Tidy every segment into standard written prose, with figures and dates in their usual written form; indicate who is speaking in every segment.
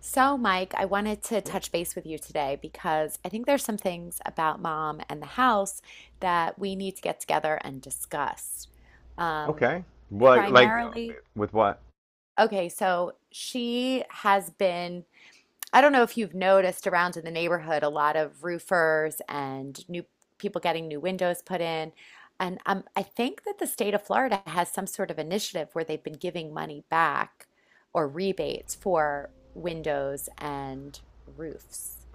Speaker 1: So, Mike, I wanted to
Speaker 2: Yeah.
Speaker 1: touch base with you today because I think there's some things about mom and the house that we need to get together and discuss. Um,
Speaker 2: Okay. Well,
Speaker 1: primarily,
Speaker 2: with what?
Speaker 1: okay, so she has been I don't know if you've noticed around in the neighborhood a lot of roofers and new people getting new windows put in. And I think that the state of Florida has some sort of initiative where they've been giving money back or rebates for windows and roofs.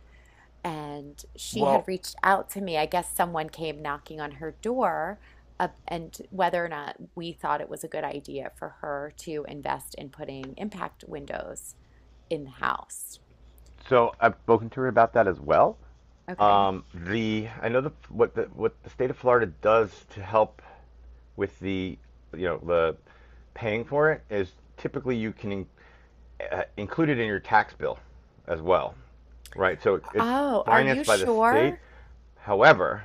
Speaker 1: And she
Speaker 2: Well,
Speaker 1: had reached out to me. I guess someone came knocking on her door, and whether or not we thought it was a good idea for her to invest in putting impact windows in the house.
Speaker 2: so I've spoken to her about that as well.
Speaker 1: Okay.
Speaker 2: The I know the what the state of Florida does to help with the the paying for it is typically you can in, include it in your tax bill as well, right? So it's
Speaker 1: Oh, are you
Speaker 2: financed by the state.
Speaker 1: sure?
Speaker 2: However,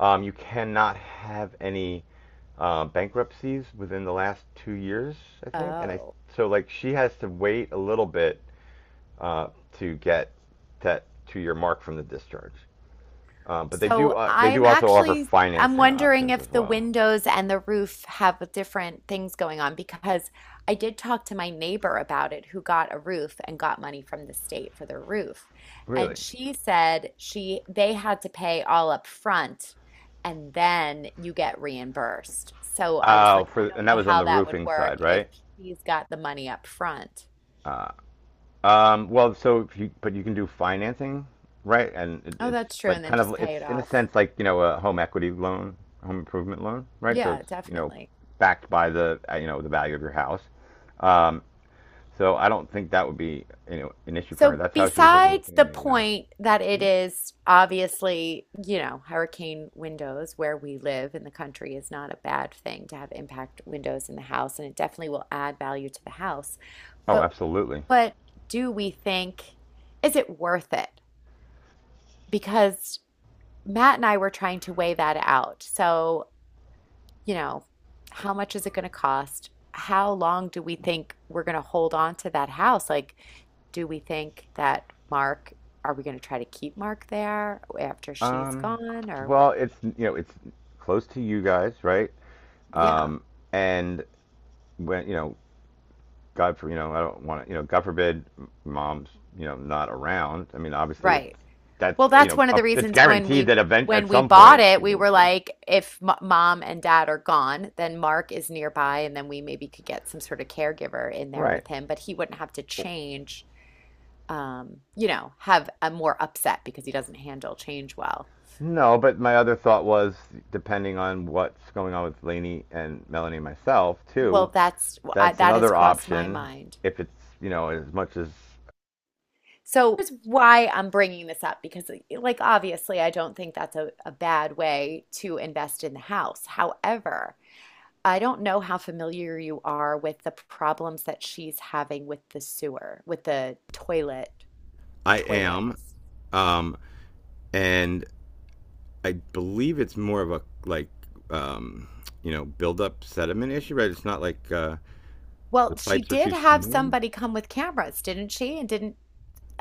Speaker 2: you cannot have any bankruptcies within the last 2 years, I think. And I
Speaker 1: Oh.
Speaker 2: so like she has to wait a little bit uh, to get that to your mark from the discharge. But
Speaker 1: So
Speaker 2: they do
Speaker 1: I'm
Speaker 2: also offer
Speaker 1: actually I'm
Speaker 2: financing
Speaker 1: wondering
Speaker 2: options as
Speaker 1: if the
Speaker 2: well.
Speaker 1: windows and the roof have different things going on because I did talk to my neighbor about it who got a roof and got money from the state for their roof.
Speaker 2: Really?
Speaker 1: And she said she they had to pay all up front and then you get reimbursed. So I was like, I
Speaker 2: For and
Speaker 1: don't
Speaker 2: that
Speaker 1: know
Speaker 2: was on
Speaker 1: how
Speaker 2: the
Speaker 1: that would
Speaker 2: roofing
Speaker 1: work
Speaker 2: side,
Speaker 1: if
Speaker 2: right?
Speaker 1: she's got the money up front.
Speaker 2: Uh, well, so if you but you can do financing, right? And it,
Speaker 1: Oh,
Speaker 2: it's
Speaker 1: that's true,
Speaker 2: like
Speaker 1: and then
Speaker 2: kind of
Speaker 1: just pay it
Speaker 2: it's in a
Speaker 1: off.
Speaker 2: sense like you know a home equity loan, home improvement loan, right? So
Speaker 1: Yeah,
Speaker 2: it's you know
Speaker 1: definitely.
Speaker 2: backed by the you know the value of your house. Um, so I don't think that would be you know an issue for her.
Speaker 1: So,
Speaker 2: That's how she was looking at
Speaker 1: besides
Speaker 2: it
Speaker 1: the
Speaker 2: in the.
Speaker 1: point that it is obviously, you know, hurricane windows where we live in the country is not a bad thing to have impact windows in the house, and it definitely will add value to the house.
Speaker 2: Oh,
Speaker 1: But
Speaker 2: absolutely.
Speaker 1: but do we think is it worth it? Because Matt and I were trying to weigh that out. So, you know, how much is it going to cost? How long do we think we're going to hold on to that house? Like, do we think that Mark, are we going to try to keep Mark there after she's
Speaker 2: Um,
Speaker 1: gone or what?
Speaker 2: well, it's you know it's close to you guys, right?
Speaker 1: Yeah,
Speaker 2: Um, and when you know, God for you know, I don't want to you know, God forbid, mom's you know not around. I mean, obviously it's
Speaker 1: right.
Speaker 2: that's
Speaker 1: Well,
Speaker 2: you
Speaker 1: that's
Speaker 2: know
Speaker 1: one of the
Speaker 2: up, it's
Speaker 1: reasons when
Speaker 2: guaranteed
Speaker 1: we
Speaker 2: that event at
Speaker 1: when we
Speaker 2: some
Speaker 1: bought
Speaker 2: point she
Speaker 1: it, we
Speaker 2: won't
Speaker 1: were
Speaker 2: be.
Speaker 1: like, if m mom and dad are gone, then Mark is nearby, and then we maybe could get some sort of caregiver in there
Speaker 2: Right.
Speaker 1: with him, but he wouldn't have to change, you know, have a more upset because he doesn't handle change well.
Speaker 2: No, but my other thought was, depending on what's going on with Lainey and Melanie and myself too,
Speaker 1: Well,
Speaker 2: that's
Speaker 1: that has
Speaker 2: another
Speaker 1: crossed my
Speaker 2: option.
Speaker 1: mind.
Speaker 2: If it's you know as much as
Speaker 1: So that's why I'm bringing this up because, like, obviously, I don't think that's a bad way to invest in the house. However, I don't know how familiar you are with the problems that she's having with the sewer, with the toilet, the
Speaker 2: I
Speaker 1: toilets.
Speaker 2: am, um, and I believe it's more of a like um, you know buildup sediment issue, right? It's not the
Speaker 1: Well, she
Speaker 2: pipes are
Speaker 1: did
Speaker 2: too
Speaker 1: have
Speaker 2: small.
Speaker 1: somebody come with cameras, didn't she? And didn't,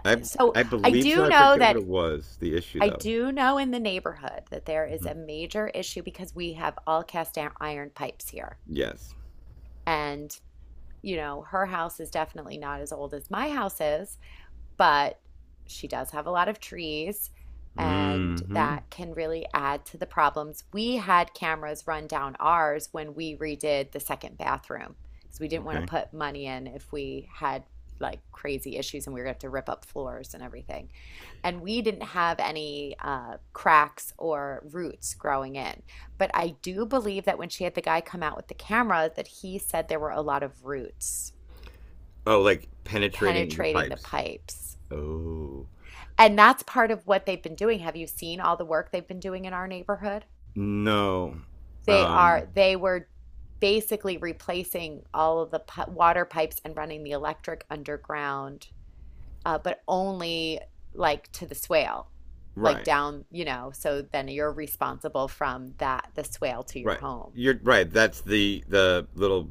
Speaker 2: I
Speaker 1: so
Speaker 2: I
Speaker 1: I
Speaker 2: believe so.
Speaker 1: do
Speaker 2: I
Speaker 1: know
Speaker 2: forget what
Speaker 1: that
Speaker 2: it was. The issue
Speaker 1: I
Speaker 2: though.
Speaker 1: do know in the neighborhood that there is
Speaker 2: Hmm.
Speaker 1: a major issue because we have all cast iron pipes here.
Speaker 2: Yes.
Speaker 1: And you know, her house is definitely not as old as my house is, but she does have a lot of trees, and
Speaker 2: Hmm.
Speaker 1: that can really add to the problems. We had cameras run down ours when we redid the second bathroom because we didn't want to
Speaker 2: Okay.
Speaker 1: put money in if we had like crazy issues and we were going to have to rip up floors and everything. And we didn't have any cracks or roots growing in. But I do believe that when she had the guy come out with the camera, that he said there were a lot of roots
Speaker 2: Oh, like penetrating the
Speaker 1: penetrating the
Speaker 2: pipes.
Speaker 1: pipes.
Speaker 2: Oh,
Speaker 1: And that's part of what they've been doing. Have you seen all the work they've been doing in our neighborhood?
Speaker 2: no.
Speaker 1: They
Speaker 2: Um.
Speaker 1: are they were basically replacing all of the pi water pipes and running the electric underground, but only like to the swale, like
Speaker 2: Right.
Speaker 1: down, you know, so then you're responsible from that the swale to your
Speaker 2: Right.
Speaker 1: home.
Speaker 2: You're right. That's the little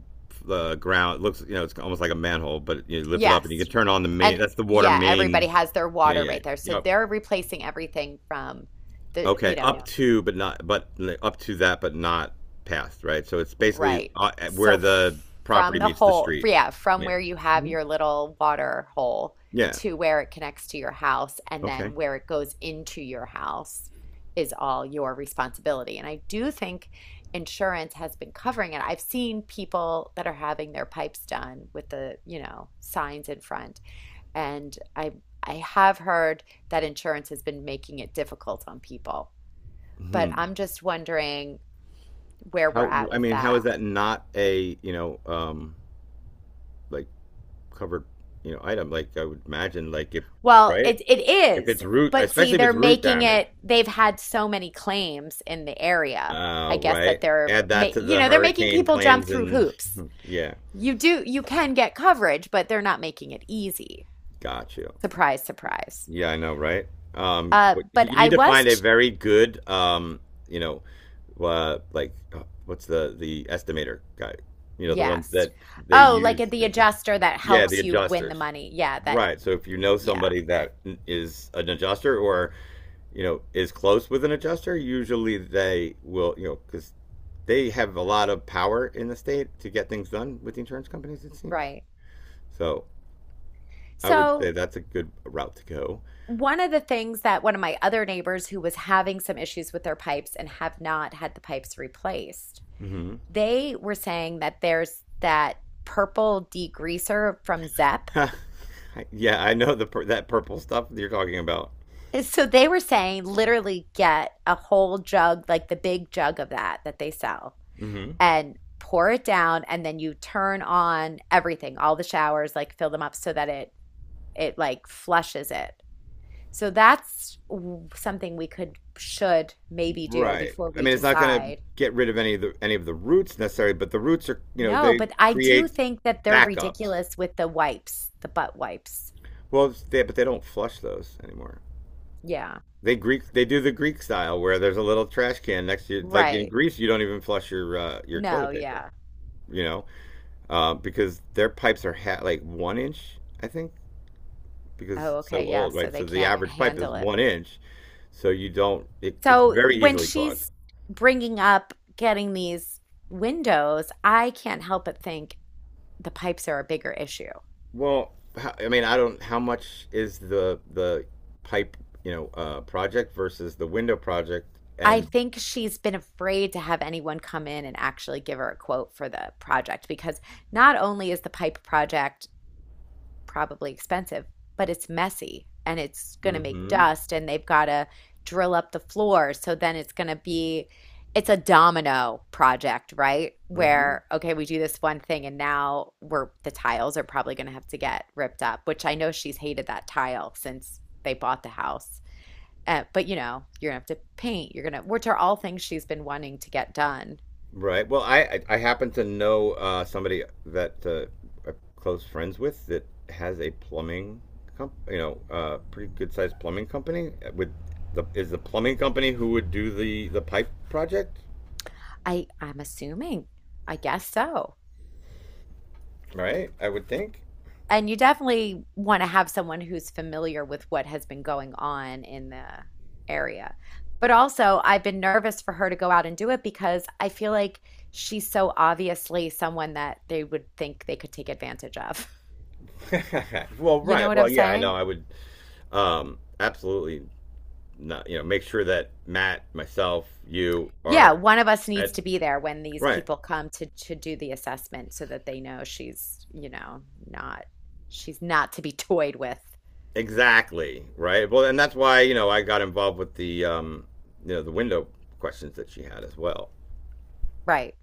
Speaker 2: ground. It looks you know it's almost like a manhole, but you lift it up and you can
Speaker 1: Yes.
Speaker 2: turn on the main.
Speaker 1: And
Speaker 2: That's the water
Speaker 1: yeah, everybody
Speaker 2: main.
Speaker 1: has their
Speaker 2: Yeah.
Speaker 1: water
Speaker 2: Yeah.
Speaker 1: right there. So
Speaker 2: Yep.
Speaker 1: they're replacing everything from the,
Speaker 2: Okay,
Speaker 1: you
Speaker 2: yeah. Up
Speaker 1: know,
Speaker 2: yeah. To but not but up to that but not past, right? So it's basically
Speaker 1: Right.
Speaker 2: where
Speaker 1: So f
Speaker 2: the
Speaker 1: from
Speaker 2: property
Speaker 1: the
Speaker 2: meets the
Speaker 1: hole,
Speaker 2: street.
Speaker 1: yeah, from
Speaker 2: Yeah.
Speaker 1: where you have
Speaker 2: Mhm.
Speaker 1: your little water hole
Speaker 2: Yeah.
Speaker 1: to where it connects to your house and
Speaker 2: Okay.
Speaker 1: then where it goes into your house is all your responsibility. And I do think insurance has been covering it. I've seen people that are having their pipes done with the, you know, signs in front. And I have heard that insurance has been making it difficult on people. But
Speaker 2: Hmm.
Speaker 1: I'm just wondering where we're
Speaker 2: How
Speaker 1: at
Speaker 2: I
Speaker 1: with
Speaker 2: mean, how is
Speaker 1: that.
Speaker 2: that not a, you know, like covered, you know, item like I would imagine like if
Speaker 1: Well,
Speaker 2: right?
Speaker 1: it
Speaker 2: If
Speaker 1: is,
Speaker 2: it's root,
Speaker 1: but see,
Speaker 2: especially if it's root damage.
Speaker 1: they've had so many claims in the area. I guess
Speaker 2: Right?
Speaker 1: that they're
Speaker 2: Add
Speaker 1: ma
Speaker 2: that to
Speaker 1: you
Speaker 2: the
Speaker 1: know, they're making
Speaker 2: hurricane
Speaker 1: people jump
Speaker 2: claims
Speaker 1: through
Speaker 2: and
Speaker 1: hoops.
Speaker 2: yeah,
Speaker 1: You do, you can get coverage, but they're not making it easy.
Speaker 2: got you.
Speaker 1: Surprise, surprise.
Speaker 2: Yeah, I know, right? But
Speaker 1: But
Speaker 2: you need
Speaker 1: I
Speaker 2: to
Speaker 1: was,
Speaker 2: find a
Speaker 1: ch-
Speaker 2: very good, you know, what's the estimator guy? You know, the ones
Speaker 1: yes.
Speaker 2: that they
Speaker 1: Oh, like at
Speaker 2: use.
Speaker 1: the adjuster that
Speaker 2: Yeah, the
Speaker 1: helps you win the
Speaker 2: adjusters.
Speaker 1: money. Yeah, that,
Speaker 2: Right. So if you know
Speaker 1: yeah,
Speaker 2: somebody that is an adjuster or, you know, is close with an adjuster, usually they will, you know, because they have a lot of power in the state to get things done with the insurance companies, it seems.
Speaker 1: right.
Speaker 2: So I would say
Speaker 1: So
Speaker 2: that's a good route to go.
Speaker 1: one of the things that one of my other neighbors who was having some issues with their pipes and have not had the pipes replaced.
Speaker 2: Mm-hmm.
Speaker 1: They were saying that there's that purple degreaser from Zepp.
Speaker 2: Yeah, I know that purple stuff that you're talking about.
Speaker 1: So they were saying literally get a whole jug, like the big jug of that that they sell,
Speaker 2: Mm-hmm.
Speaker 1: and pour it down, and then you turn on everything, all the showers, like fill them up so that it like flushes it. So that's something we could should maybe do
Speaker 2: Right.
Speaker 1: before
Speaker 2: I
Speaker 1: we
Speaker 2: mean, it's not going to
Speaker 1: decide.
Speaker 2: get rid of any of the roots necessarily, but the roots are you know
Speaker 1: No,
Speaker 2: they
Speaker 1: but I do
Speaker 2: create
Speaker 1: think that they're
Speaker 2: backups.
Speaker 1: ridiculous with the wipes, the butt wipes.
Speaker 2: Well, but they don't flush those anymore.
Speaker 1: Yeah.
Speaker 2: They do the Greek style where there's a little trash can next to you. Like in
Speaker 1: Right.
Speaker 2: Greece, you don't even flush your
Speaker 1: No,
Speaker 2: toilet paper,
Speaker 1: yeah.
Speaker 2: you know, because their pipes are like one inch, I think, because
Speaker 1: Oh,
Speaker 2: it's so
Speaker 1: okay, yeah.
Speaker 2: old,
Speaker 1: So
Speaker 2: right? So
Speaker 1: they
Speaker 2: the
Speaker 1: can't
Speaker 2: average pipe is
Speaker 1: handle it.
Speaker 2: one inch, so you don't. It's
Speaker 1: So
Speaker 2: very
Speaker 1: when
Speaker 2: easily clogged.
Speaker 1: she's bringing up getting these windows, I can't help but think the pipes are a bigger issue.
Speaker 2: Well, how, I mean, I don't. How much is the pipe, you know, project versus the window project?
Speaker 1: I
Speaker 2: And
Speaker 1: think she's been afraid to have anyone come in and actually give her a quote for the project because not only is the pipe project probably expensive, but it's messy and it's going to make
Speaker 2: mm-hmm,
Speaker 1: dust and they've got to drill up the floor. So then it's going to be, it's a domino project, right?
Speaker 2: mm-hmm.
Speaker 1: Where, okay, we do this one thing and now the tiles are probably going to have to get ripped up, which I know she's hated that tile since they bought the house. But you know, you're gonna have to paint, you're gonna, which are all things she's been wanting to get done.
Speaker 2: Right. Well, I happen to know somebody that I'm close friends with that has a plumbing you know, pretty good sized plumbing company with the is the plumbing company who would do the pipe project.
Speaker 1: I'm assuming, I guess so.
Speaker 2: Right? I would think.
Speaker 1: And you definitely want to have someone who's familiar with what has been going on in the area. But also, I've been nervous for her to go out and do it because I feel like she's so obviously someone that they would think they could take advantage of.
Speaker 2: Well,
Speaker 1: You know
Speaker 2: right.
Speaker 1: what
Speaker 2: Well,
Speaker 1: I'm
Speaker 2: yeah, I know.
Speaker 1: saying?
Speaker 2: I would absolutely not, you know, make sure that Matt, myself, you
Speaker 1: Yeah,
Speaker 2: are
Speaker 1: one of us needs
Speaker 2: at
Speaker 1: to be there when these
Speaker 2: right.
Speaker 1: people come to do the assessment so that they know she's, you know, not she's not to be toyed with.
Speaker 2: Exactly, right? Well, and that's why, you know, I got involved with the you know, the window questions that she had as well.
Speaker 1: Right.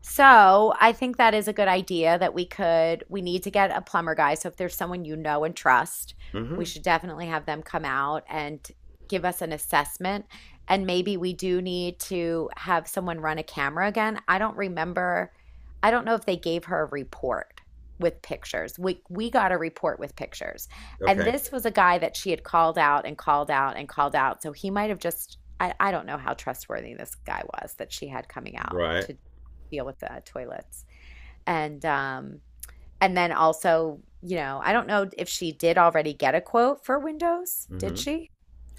Speaker 1: So I think that is a good idea that we need to get a plumber guy. So if there's someone you know and trust,
Speaker 2: Hmm.
Speaker 1: we should definitely have them come out and give us an assessment. And maybe we do need to have someone run a camera again. I don't remember, I don't know if they gave her a report with pictures. We got a report with pictures. And
Speaker 2: Okay.
Speaker 1: this was a guy that she had called out and called out and called out. So he might have just, I don't know how trustworthy this guy was that she had coming out
Speaker 2: Right.
Speaker 1: to deal with the toilets. And um, and then also, you know, I don't know if she did already get a quote for windows. Did
Speaker 2: Mm-hmm.
Speaker 1: she?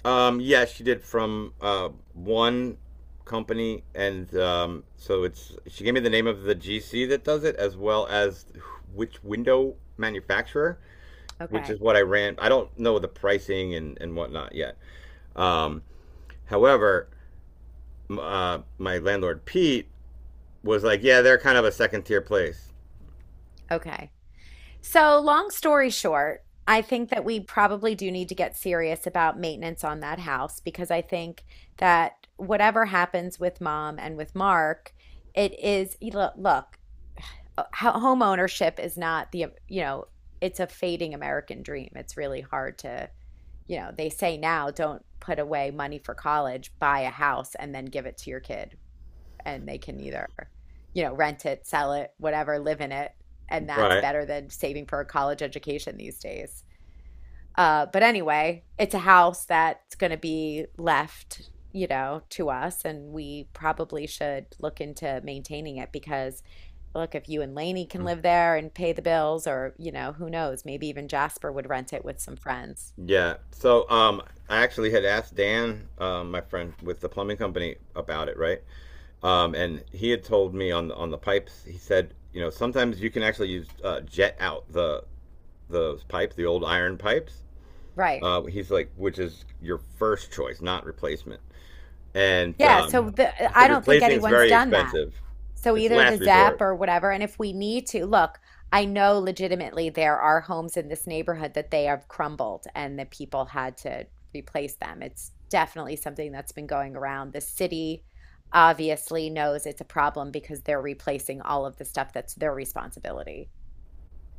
Speaker 2: Yeah, she did from one company, and so it's she gave me the name of the GC that does it, as well as which window manufacturer, which
Speaker 1: Okay.
Speaker 2: is what I ran. I don't know the pricing and whatnot yet. Um, however, my landlord Pete was like, "Yeah, they're kind of a second tier place,
Speaker 1: Okay. So, long story short, I think that we probably do need to get serious about maintenance on that house because I think that whatever happens with mom and with Mark, it is, look, look, home ownership is not the, you know, it's a fading American dream. It's really hard to you know, they say now don't put away money for college, buy a house and then give it to your kid. And they can either, you know, rent it, sell it, whatever, live in it. And that's
Speaker 2: right?"
Speaker 1: better than saving for a college education these days. But anyway, it's a house that's going to be left, you know, to us. And we probably should look into maintaining it because, look, if you and Lainey can live there and pay the bills, or, you know, who knows, maybe even Jasper would rent it with some friends.
Speaker 2: Yeah. So I actually had asked Dan, my friend with the plumbing company, about it, right? And he had told me on the pipes. He said, you know, sometimes you can actually use jet out the those pipes, the old iron pipes.
Speaker 1: Right.
Speaker 2: He's like, which is your first choice, not replacement. And
Speaker 1: Yeah, so
Speaker 2: he
Speaker 1: the, I
Speaker 2: said
Speaker 1: don't think
Speaker 2: replacing is
Speaker 1: anyone's
Speaker 2: very
Speaker 1: done that.
Speaker 2: expensive.
Speaker 1: So
Speaker 2: It's
Speaker 1: either the
Speaker 2: last
Speaker 1: ZEP
Speaker 2: resort.
Speaker 1: or whatever. And if we need to, look, I know legitimately there are homes in this neighborhood that they have crumbled and the people had to replace them. It's definitely something that's been going around. The city obviously knows it's a problem because they're replacing all of the stuff that's their responsibility.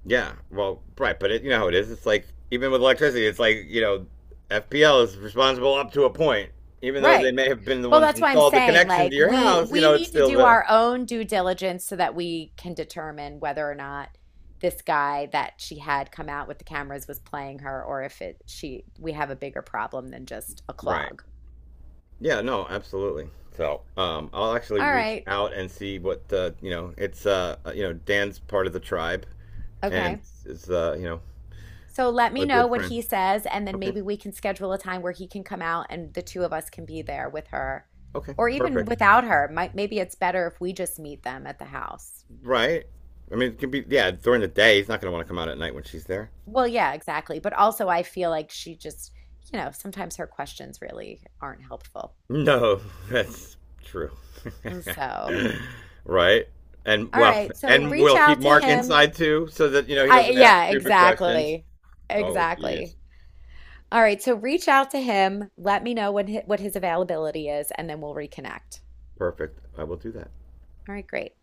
Speaker 2: Yeah, well, right, but it, you know how it is. It's like even with electricity, it's like you know, FPL is responsible up to a point. Even though they
Speaker 1: Right.
Speaker 2: may have been the
Speaker 1: Well,
Speaker 2: ones that
Speaker 1: that's why I'm
Speaker 2: installed the
Speaker 1: saying
Speaker 2: connection to
Speaker 1: like
Speaker 2: your
Speaker 1: we
Speaker 2: house, you
Speaker 1: we
Speaker 2: know, it's
Speaker 1: need to
Speaker 2: still
Speaker 1: do
Speaker 2: the
Speaker 1: our own due diligence so that we can determine whether or not this guy that she had come out with the cameras was playing her or if it she we have a bigger problem than just a
Speaker 2: right.
Speaker 1: clog.
Speaker 2: Yeah, no, absolutely. So I'll actually
Speaker 1: All
Speaker 2: reach
Speaker 1: right.
Speaker 2: out and see what you know. It's you know, Dan's part of the tribe and
Speaker 1: Okay.
Speaker 2: is you know,
Speaker 1: So let me
Speaker 2: a
Speaker 1: know
Speaker 2: good
Speaker 1: what
Speaker 2: friend.
Speaker 1: he says and then
Speaker 2: Okay,
Speaker 1: maybe we can schedule a time where he can come out and the two of us can be there with her
Speaker 2: okay,
Speaker 1: or even
Speaker 2: perfect.
Speaker 1: without her. Might maybe it's better if we just meet them at the house.
Speaker 2: Right. I mean, it can be yeah during the day. He's not gonna want to come out at night when she's there.
Speaker 1: Well, yeah, exactly. But also, I feel like she just, you know, sometimes her questions really aren't helpful.
Speaker 2: No, that's true.
Speaker 1: So,
Speaker 2: Right. And
Speaker 1: all
Speaker 2: well,
Speaker 1: right. So
Speaker 2: and
Speaker 1: reach
Speaker 2: we'll keep
Speaker 1: out to
Speaker 2: Mark
Speaker 1: him.
Speaker 2: inside too, so that you know he
Speaker 1: I,
Speaker 2: doesn't ask
Speaker 1: yeah,
Speaker 2: stupid questions.
Speaker 1: exactly.
Speaker 2: Oh, jeez.
Speaker 1: Exactly. All right. So reach out to him. Let me know when what his availability is, and then we'll reconnect.
Speaker 2: Perfect. I will do that.
Speaker 1: All right, great.